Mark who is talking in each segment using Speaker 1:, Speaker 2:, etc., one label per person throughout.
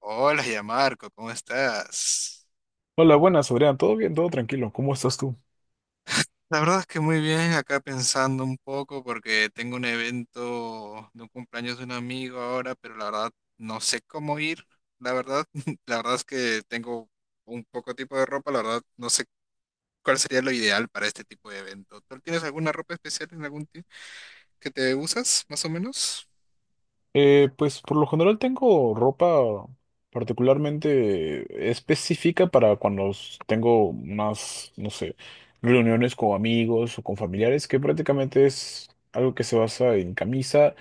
Speaker 1: Hola, ya Marco, ¿cómo estás?
Speaker 2: Hola, buenas, Adrián. ¿Todo bien? ¿Todo tranquilo? ¿Cómo estás tú?
Speaker 1: La verdad es que muy bien, acá pensando un poco porque tengo un evento de un cumpleaños de un amigo ahora, pero la verdad no sé cómo ir. La verdad, la verdad es que tengo un poco tipo de ropa, la verdad no sé cuál sería lo ideal para este tipo de evento. ¿Tú tienes alguna ropa especial en algún tipo que te usas, más o menos?
Speaker 2: Pues por lo general tengo ropa particularmente específica para cuando tengo unas, no sé, reuniones con amigos o con familiares, que prácticamente es algo que se basa en camisa,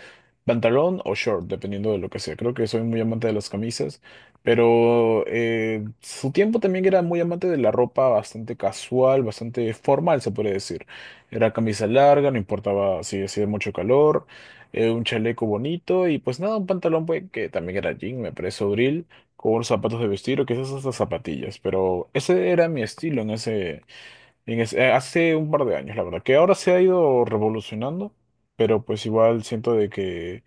Speaker 2: pantalón o short, dependiendo de lo que sea. Creo que soy muy amante de las camisas, pero su tiempo también era muy amante de la ropa bastante casual, bastante formal, se puede decir. Era camisa larga, no importaba si hacía mucho calor, un chaleco bonito y pues nada, un pantalón pues, que también era jean, me parece abril, con unos zapatos de vestir o quizás hasta zapatillas, pero ese era mi estilo en ese, hace un par de años, la verdad, que ahora se ha ido revolucionando, pero pues igual siento de que,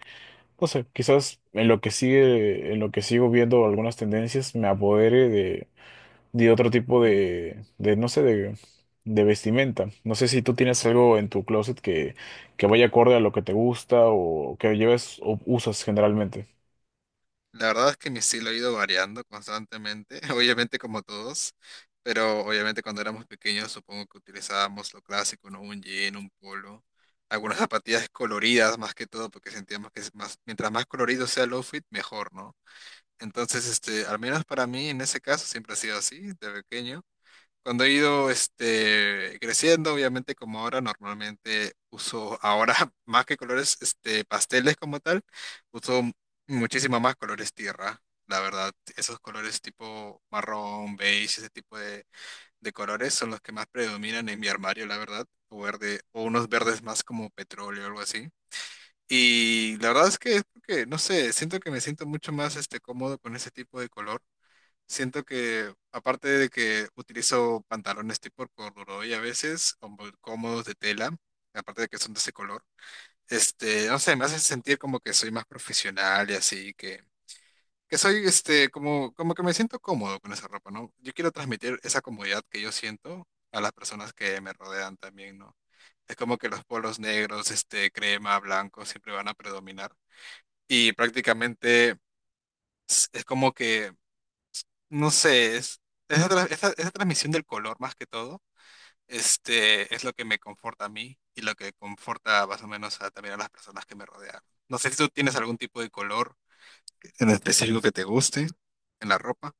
Speaker 2: no sé, quizás en lo que sigue, en lo que sigo viendo algunas tendencias me apodere de y otro tipo de no sé, de vestimenta. No sé si tú tienes algo en tu closet que vaya acorde a lo que te gusta o que lleves o usas generalmente.
Speaker 1: La verdad es que mi estilo ha ido variando constantemente, obviamente como todos, pero obviamente cuando éramos pequeños supongo que utilizábamos lo clásico, ¿no? Un jean, un polo, algunas zapatillas coloridas más que todo, porque sentíamos que es más, mientras más colorido sea el outfit, mejor, ¿no? Entonces, este, al menos para mí en ese caso siempre ha sido así, de pequeño. Cuando he ido este, creciendo, obviamente como ahora, normalmente uso ahora más que colores este, pasteles como tal, uso muchísimo más colores tierra, la verdad. Esos colores tipo marrón, beige, ese tipo de colores son los que más predominan en mi armario, la verdad. O verde, o unos verdes más como petróleo o algo así. Y la verdad es que es porque, no sé, siento que me siento mucho más este, cómodo con ese tipo de color. Siento que, aparte de que utilizo pantalones tipo corduroy a veces, como cómodos de tela, aparte de que son de ese color, este, no sé, me hace sentir como que soy más profesional y así, que soy, este, como, como que me siento cómodo con esa ropa, ¿no? Yo quiero transmitir esa comodidad que yo siento a las personas que me rodean también, ¿no? Es como que los polos negros, este, crema, blanco, siempre van a predominar. Y prácticamente es como que no sé, es, esa, esa transmisión del color más que todo, este, es lo que me conforta a mí y lo que conforta más o menos a, también a las personas que me rodean. No sé si tú tienes algún tipo de color en específico que te guste en la ropa.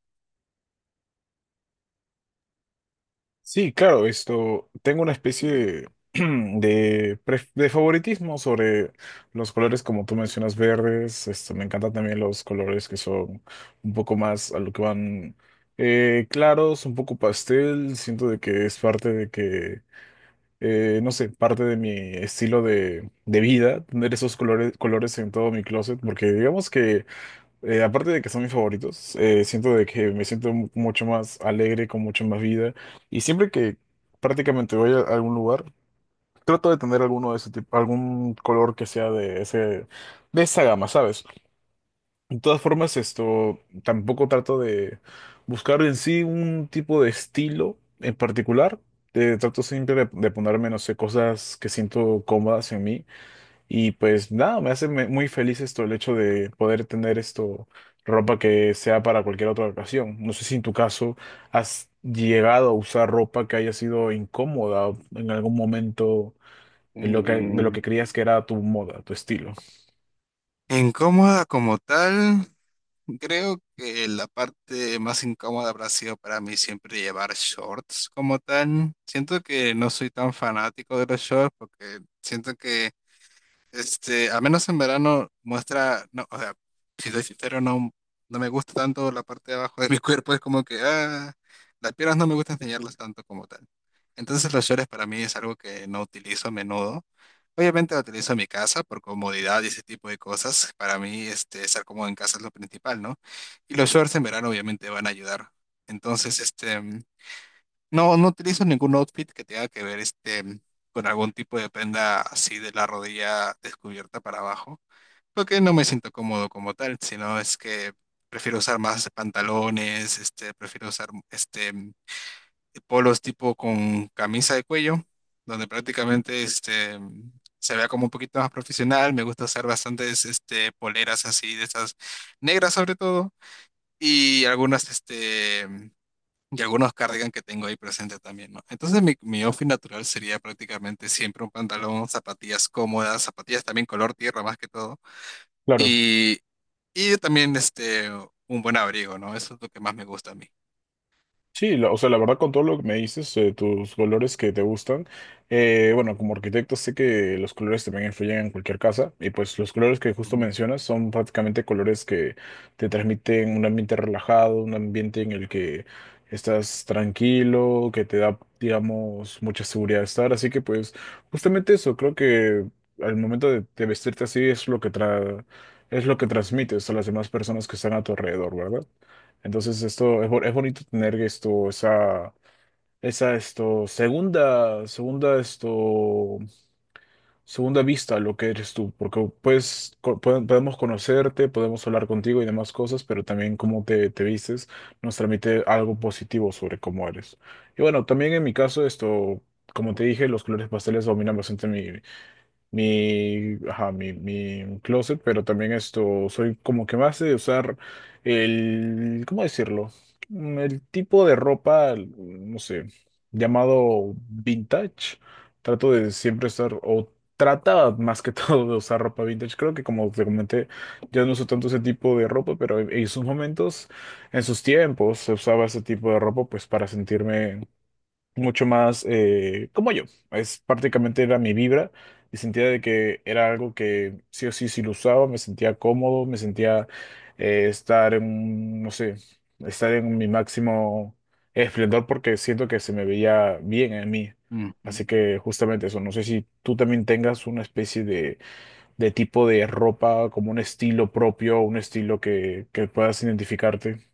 Speaker 2: Sí, claro, esto, tengo una especie de, de favoritismo sobre los colores como tú mencionas, verdes. Esto, me encantan también los colores que son un poco más a lo que van, claros, un poco pastel. Siento de que es parte de que no sé, parte de mi estilo de vida, tener esos colores, colores en todo mi closet, porque digamos que, aparte de que son mis favoritos, siento de que me siento mucho más alegre, con mucho más vida, y siempre que prácticamente voy a algún lugar, trato de tener alguno de ese tipo, algún color que sea de ese, de esa gama, ¿sabes? De todas formas, esto tampoco trato de buscar en sí un tipo de estilo en particular. Trato siempre de ponerme, no sé, cosas que siento cómodas en mí. Y pues nada, me hace muy feliz esto, el hecho de poder tener esto, ropa que sea para cualquier otra ocasión. No sé si en tu caso has llegado a usar ropa que haya sido incómoda o en algún momento en lo que, de lo
Speaker 1: Mm,
Speaker 2: que creías que era tu moda, tu estilo.
Speaker 1: incómoda como tal, creo que la parte más incómoda habrá sido para mí siempre llevar shorts como tal. Siento que no soy tan fanático de los shorts porque siento que este, al menos en verano muestra, no, o sea, si soy sincero, no, no me gusta tanto la parte de abajo de mi cuerpo, es como que, ah, las piernas no me gusta enseñarlas tanto como tal. Entonces los shorts para mí es algo que no utilizo a menudo. Obviamente lo utilizo en mi casa por comodidad y ese tipo de cosas. Para mí, este, estar cómodo en casa es lo principal, ¿no? Y los shorts en verano obviamente van a ayudar. Entonces, este... No, no utilizo ningún outfit que tenga que ver este con algún tipo de prenda así de la rodilla descubierta para abajo, porque no me siento cómodo como tal, sino es que prefiero usar más pantalones, este, prefiero usar este polos tipo con camisa de cuello, donde prácticamente este se vea como un poquito más profesional. Me gusta usar bastantes este poleras así de esas negras sobre todo y algunas este y algunos cardigan que tengo ahí presente también, ¿no? Entonces mi outfit natural sería prácticamente siempre un pantalón, zapatillas cómodas, zapatillas también color tierra más que todo.
Speaker 2: Claro.
Speaker 1: Y, y también este, un buen abrigo, ¿no? Eso es lo que más me gusta a mí.
Speaker 2: Sí, o sea, la verdad con todo lo que me dices, tus colores que te gustan, bueno, como arquitecto sé que los colores también influyen en cualquier casa y pues los colores que justo
Speaker 1: Ujú.
Speaker 2: mencionas son prácticamente colores que te transmiten un ambiente relajado, un ambiente en el que estás tranquilo, que te da, digamos, mucha seguridad de estar, así que pues justamente eso, creo que al momento de vestirte así es lo que es lo que transmites a las demás personas que están a tu alrededor, ¿verdad? Entonces esto es, es bonito tener esto, esa esto, segunda esto, segunda vista a lo que eres tú, porque pues podemos conocerte, podemos hablar contigo y demás cosas, pero también cómo te, te vistes nos transmite algo positivo sobre cómo eres. Y bueno, también en mi caso esto, como te dije, los colores pasteles dominan bastante mi, ajá, mi closet, pero también esto, soy como que más de usar el, ¿cómo decirlo? Mm, el tipo de ropa, no sé, llamado vintage. Trato de siempre estar, o trata más que todo de usar ropa vintage. Creo que como te comenté, ya no uso tanto ese tipo de ropa, pero en sus momentos, en sus tiempos, se usaba ese tipo de ropa pues para sentirme mucho más, como yo. Es prácticamente era mi vibra y sentía de que era algo que sí o sí, si lo usaba, me sentía cómodo, me sentía, estar en, no sé, estar en mi máximo esplendor porque siento que se me veía bien en mí.
Speaker 1: Ujú.
Speaker 2: Así que justamente eso, no sé si tú también tengas una especie de tipo de ropa, como un estilo propio, un estilo que puedas identificarte.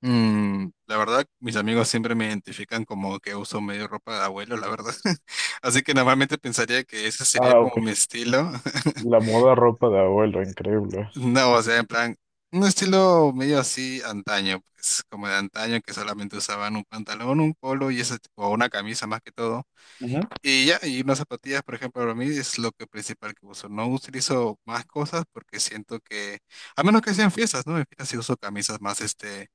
Speaker 1: Mm, la verdad, mis amigos siempre me identifican como que uso medio ropa de abuelo, la verdad. Así que normalmente pensaría que ese sería
Speaker 2: Ah,
Speaker 1: como mi
Speaker 2: ok.
Speaker 1: estilo.
Speaker 2: La moda ropa de abuelo, increíble.
Speaker 1: No, o sea, en plan, un estilo medio así antaño, pues, como de antaño, que solamente usaban un pantalón, un polo y ese, tipo- o una camisa más que todo. Y ya, y unas zapatillas, por ejemplo, para mí es lo que principal que uso. No utilizo más cosas porque siento que, a menos que sean fiestas, ¿no? En fiestas sí uso camisas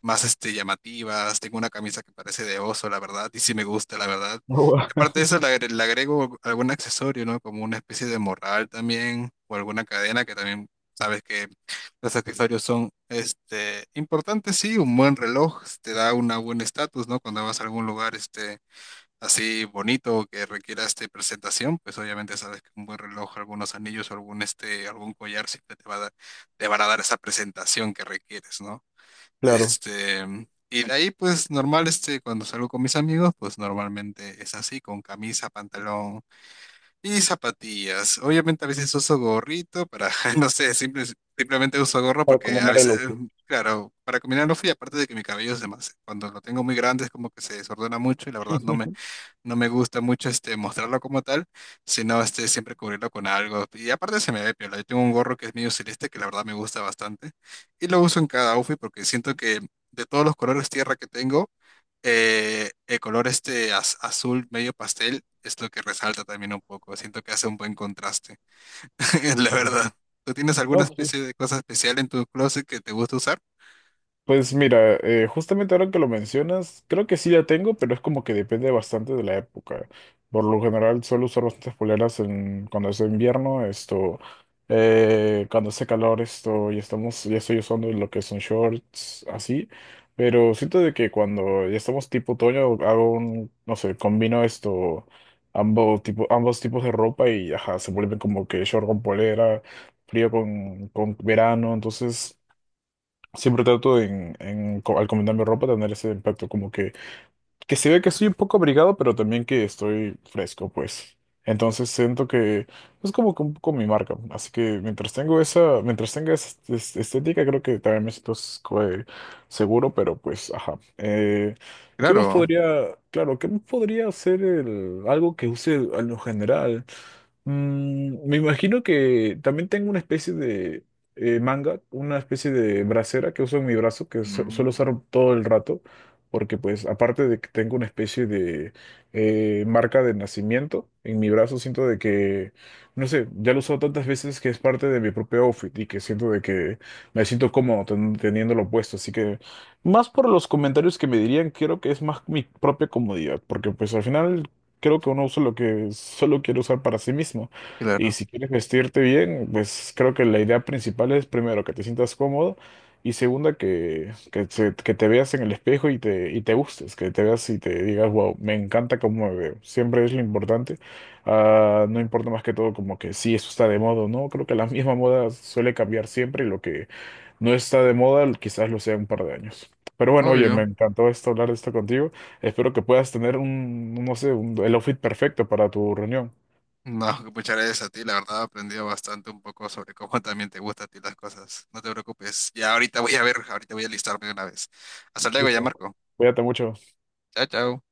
Speaker 1: más este, llamativas. Tengo una camisa que parece de oso, la verdad, y sí me gusta, la verdad. Y aparte de eso, le agrego algún accesorio, ¿no? Como una especie de morral también, o alguna cadena que también sabes que los accesorios son este, importantes, sí. Un buen reloj te da una buen estatus, ¿no? Cuando vas a algún lugar este, así bonito que requiera este, presentación, pues obviamente sabes que un buen reloj, algunos anillos o algún, este, algún collar siempre te va a dar, te van a dar esa presentación que requieres, ¿no?
Speaker 2: Claro,
Speaker 1: Este, y de ahí, pues normal, este, cuando salgo con mis amigos, pues normalmente es así, con camisa, pantalón y zapatillas. Obviamente a veces uso gorrito para, no sé, simplemente uso gorro
Speaker 2: para
Speaker 1: porque a
Speaker 2: comer el
Speaker 1: veces,
Speaker 2: opio.
Speaker 1: claro, para combinar no fui, aparte de que mi cabello es demasiado, cuando lo tengo muy grande es como que se desordena mucho y la verdad no me, no me gusta mucho este mostrarlo como tal, sino este siempre cubrirlo con algo. Y aparte se me ve piola. Yo tengo un gorro que es medio celeste que la verdad me gusta bastante y lo uso en cada outfit porque siento que de todos los colores tierra que tengo, el color este azul medio pastel es lo que resalta también un poco. Siento que hace un buen contraste, la
Speaker 2: Claro.
Speaker 1: verdad. ¿Tú tienes alguna
Speaker 2: No, sí.
Speaker 1: especie de cosa especial en tu closet que te gusta usar?
Speaker 2: Pues mira, justamente ahora que lo mencionas, creo que sí la tengo, pero es como que depende bastante de la época. Por lo general suelo usar bastantes poleras en, cuando es invierno, esto, cuando hace calor, esto, ya estamos, ya estoy usando lo que son shorts, así. Pero siento de que cuando ya estamos tipo otoño, hago un, no sé, combino esto, ambos, tipo, ambos tipos de ropa y ajá, se vuelve como que short con polera, frío con verano, entonces... Siempre trato en, al combinarme ropa tener ese impacto, como que se ve que estoy un poco abrigado, pero también que estoy fresco, pues. Entonces siento que es como que un poco mi marca. Así que mientras tengo esa, mientras tenga esa estética, creo que también me siento seguro, pero pues, ajá. ¿Qué más
Speaker 1: Claro,
Speaker 2: podría, claro, qué más podría ser el, algo que use en lo general? Mm, me imagino que también tengo una especie de, manga, una especie de bracera que uso en mi brazo, que suelo
Speaker 1: mm,
Speaker 2: usar todo el rato, porque pues aparte de que tengo una especie de, marca de nacimiento en mi brazo, siento de que, no sé, ya lo he usado tantas veces que es parte de mi propio outfit y que siento de que me siento cómodo teniéndolo puesto, así que más por los comentarios que me dirían, creo que es más mi propia comodidad, porque pues al final creo que uno usa lo que solo quiere usar para sí mismo. Y
Speaker 1: claro,
Speaker 2: si quieres vestirte bien, pues creo que la idea principal es primero que te sientas cómodo y segunda que te veas en el espejo y te gustes, que te veas y te digas, wow, me encanta cómo me veo. Siempre es lo importante. Ah, no importa más que todo como que si eso está de moda o no. Creo que la misma moda suele cambiar siempre y lo que no está de moda, quizás lo sea en un par de años. Pero bueno, oye, me
Speaker 1: obvio.
Speaker 2: encantó esto, hablar de esto contigo. Espero que puedas tener un, no sé, el outfit perfecto para tu reunión.
Speaker 1: No, que muchas gracias a ti, la verdad he aprendido bastante un poco sobre cómo también te gustan a ti las cosas. No te preocupes, ya ahorita voy a ver, ahorita voy a listarme de una vez. Hasta luego ya,
Speaker 2: Listo.
Speaker 1: Marco.
Speaker 2: Cuídate mucho.
Speaker 1: Chao, chao.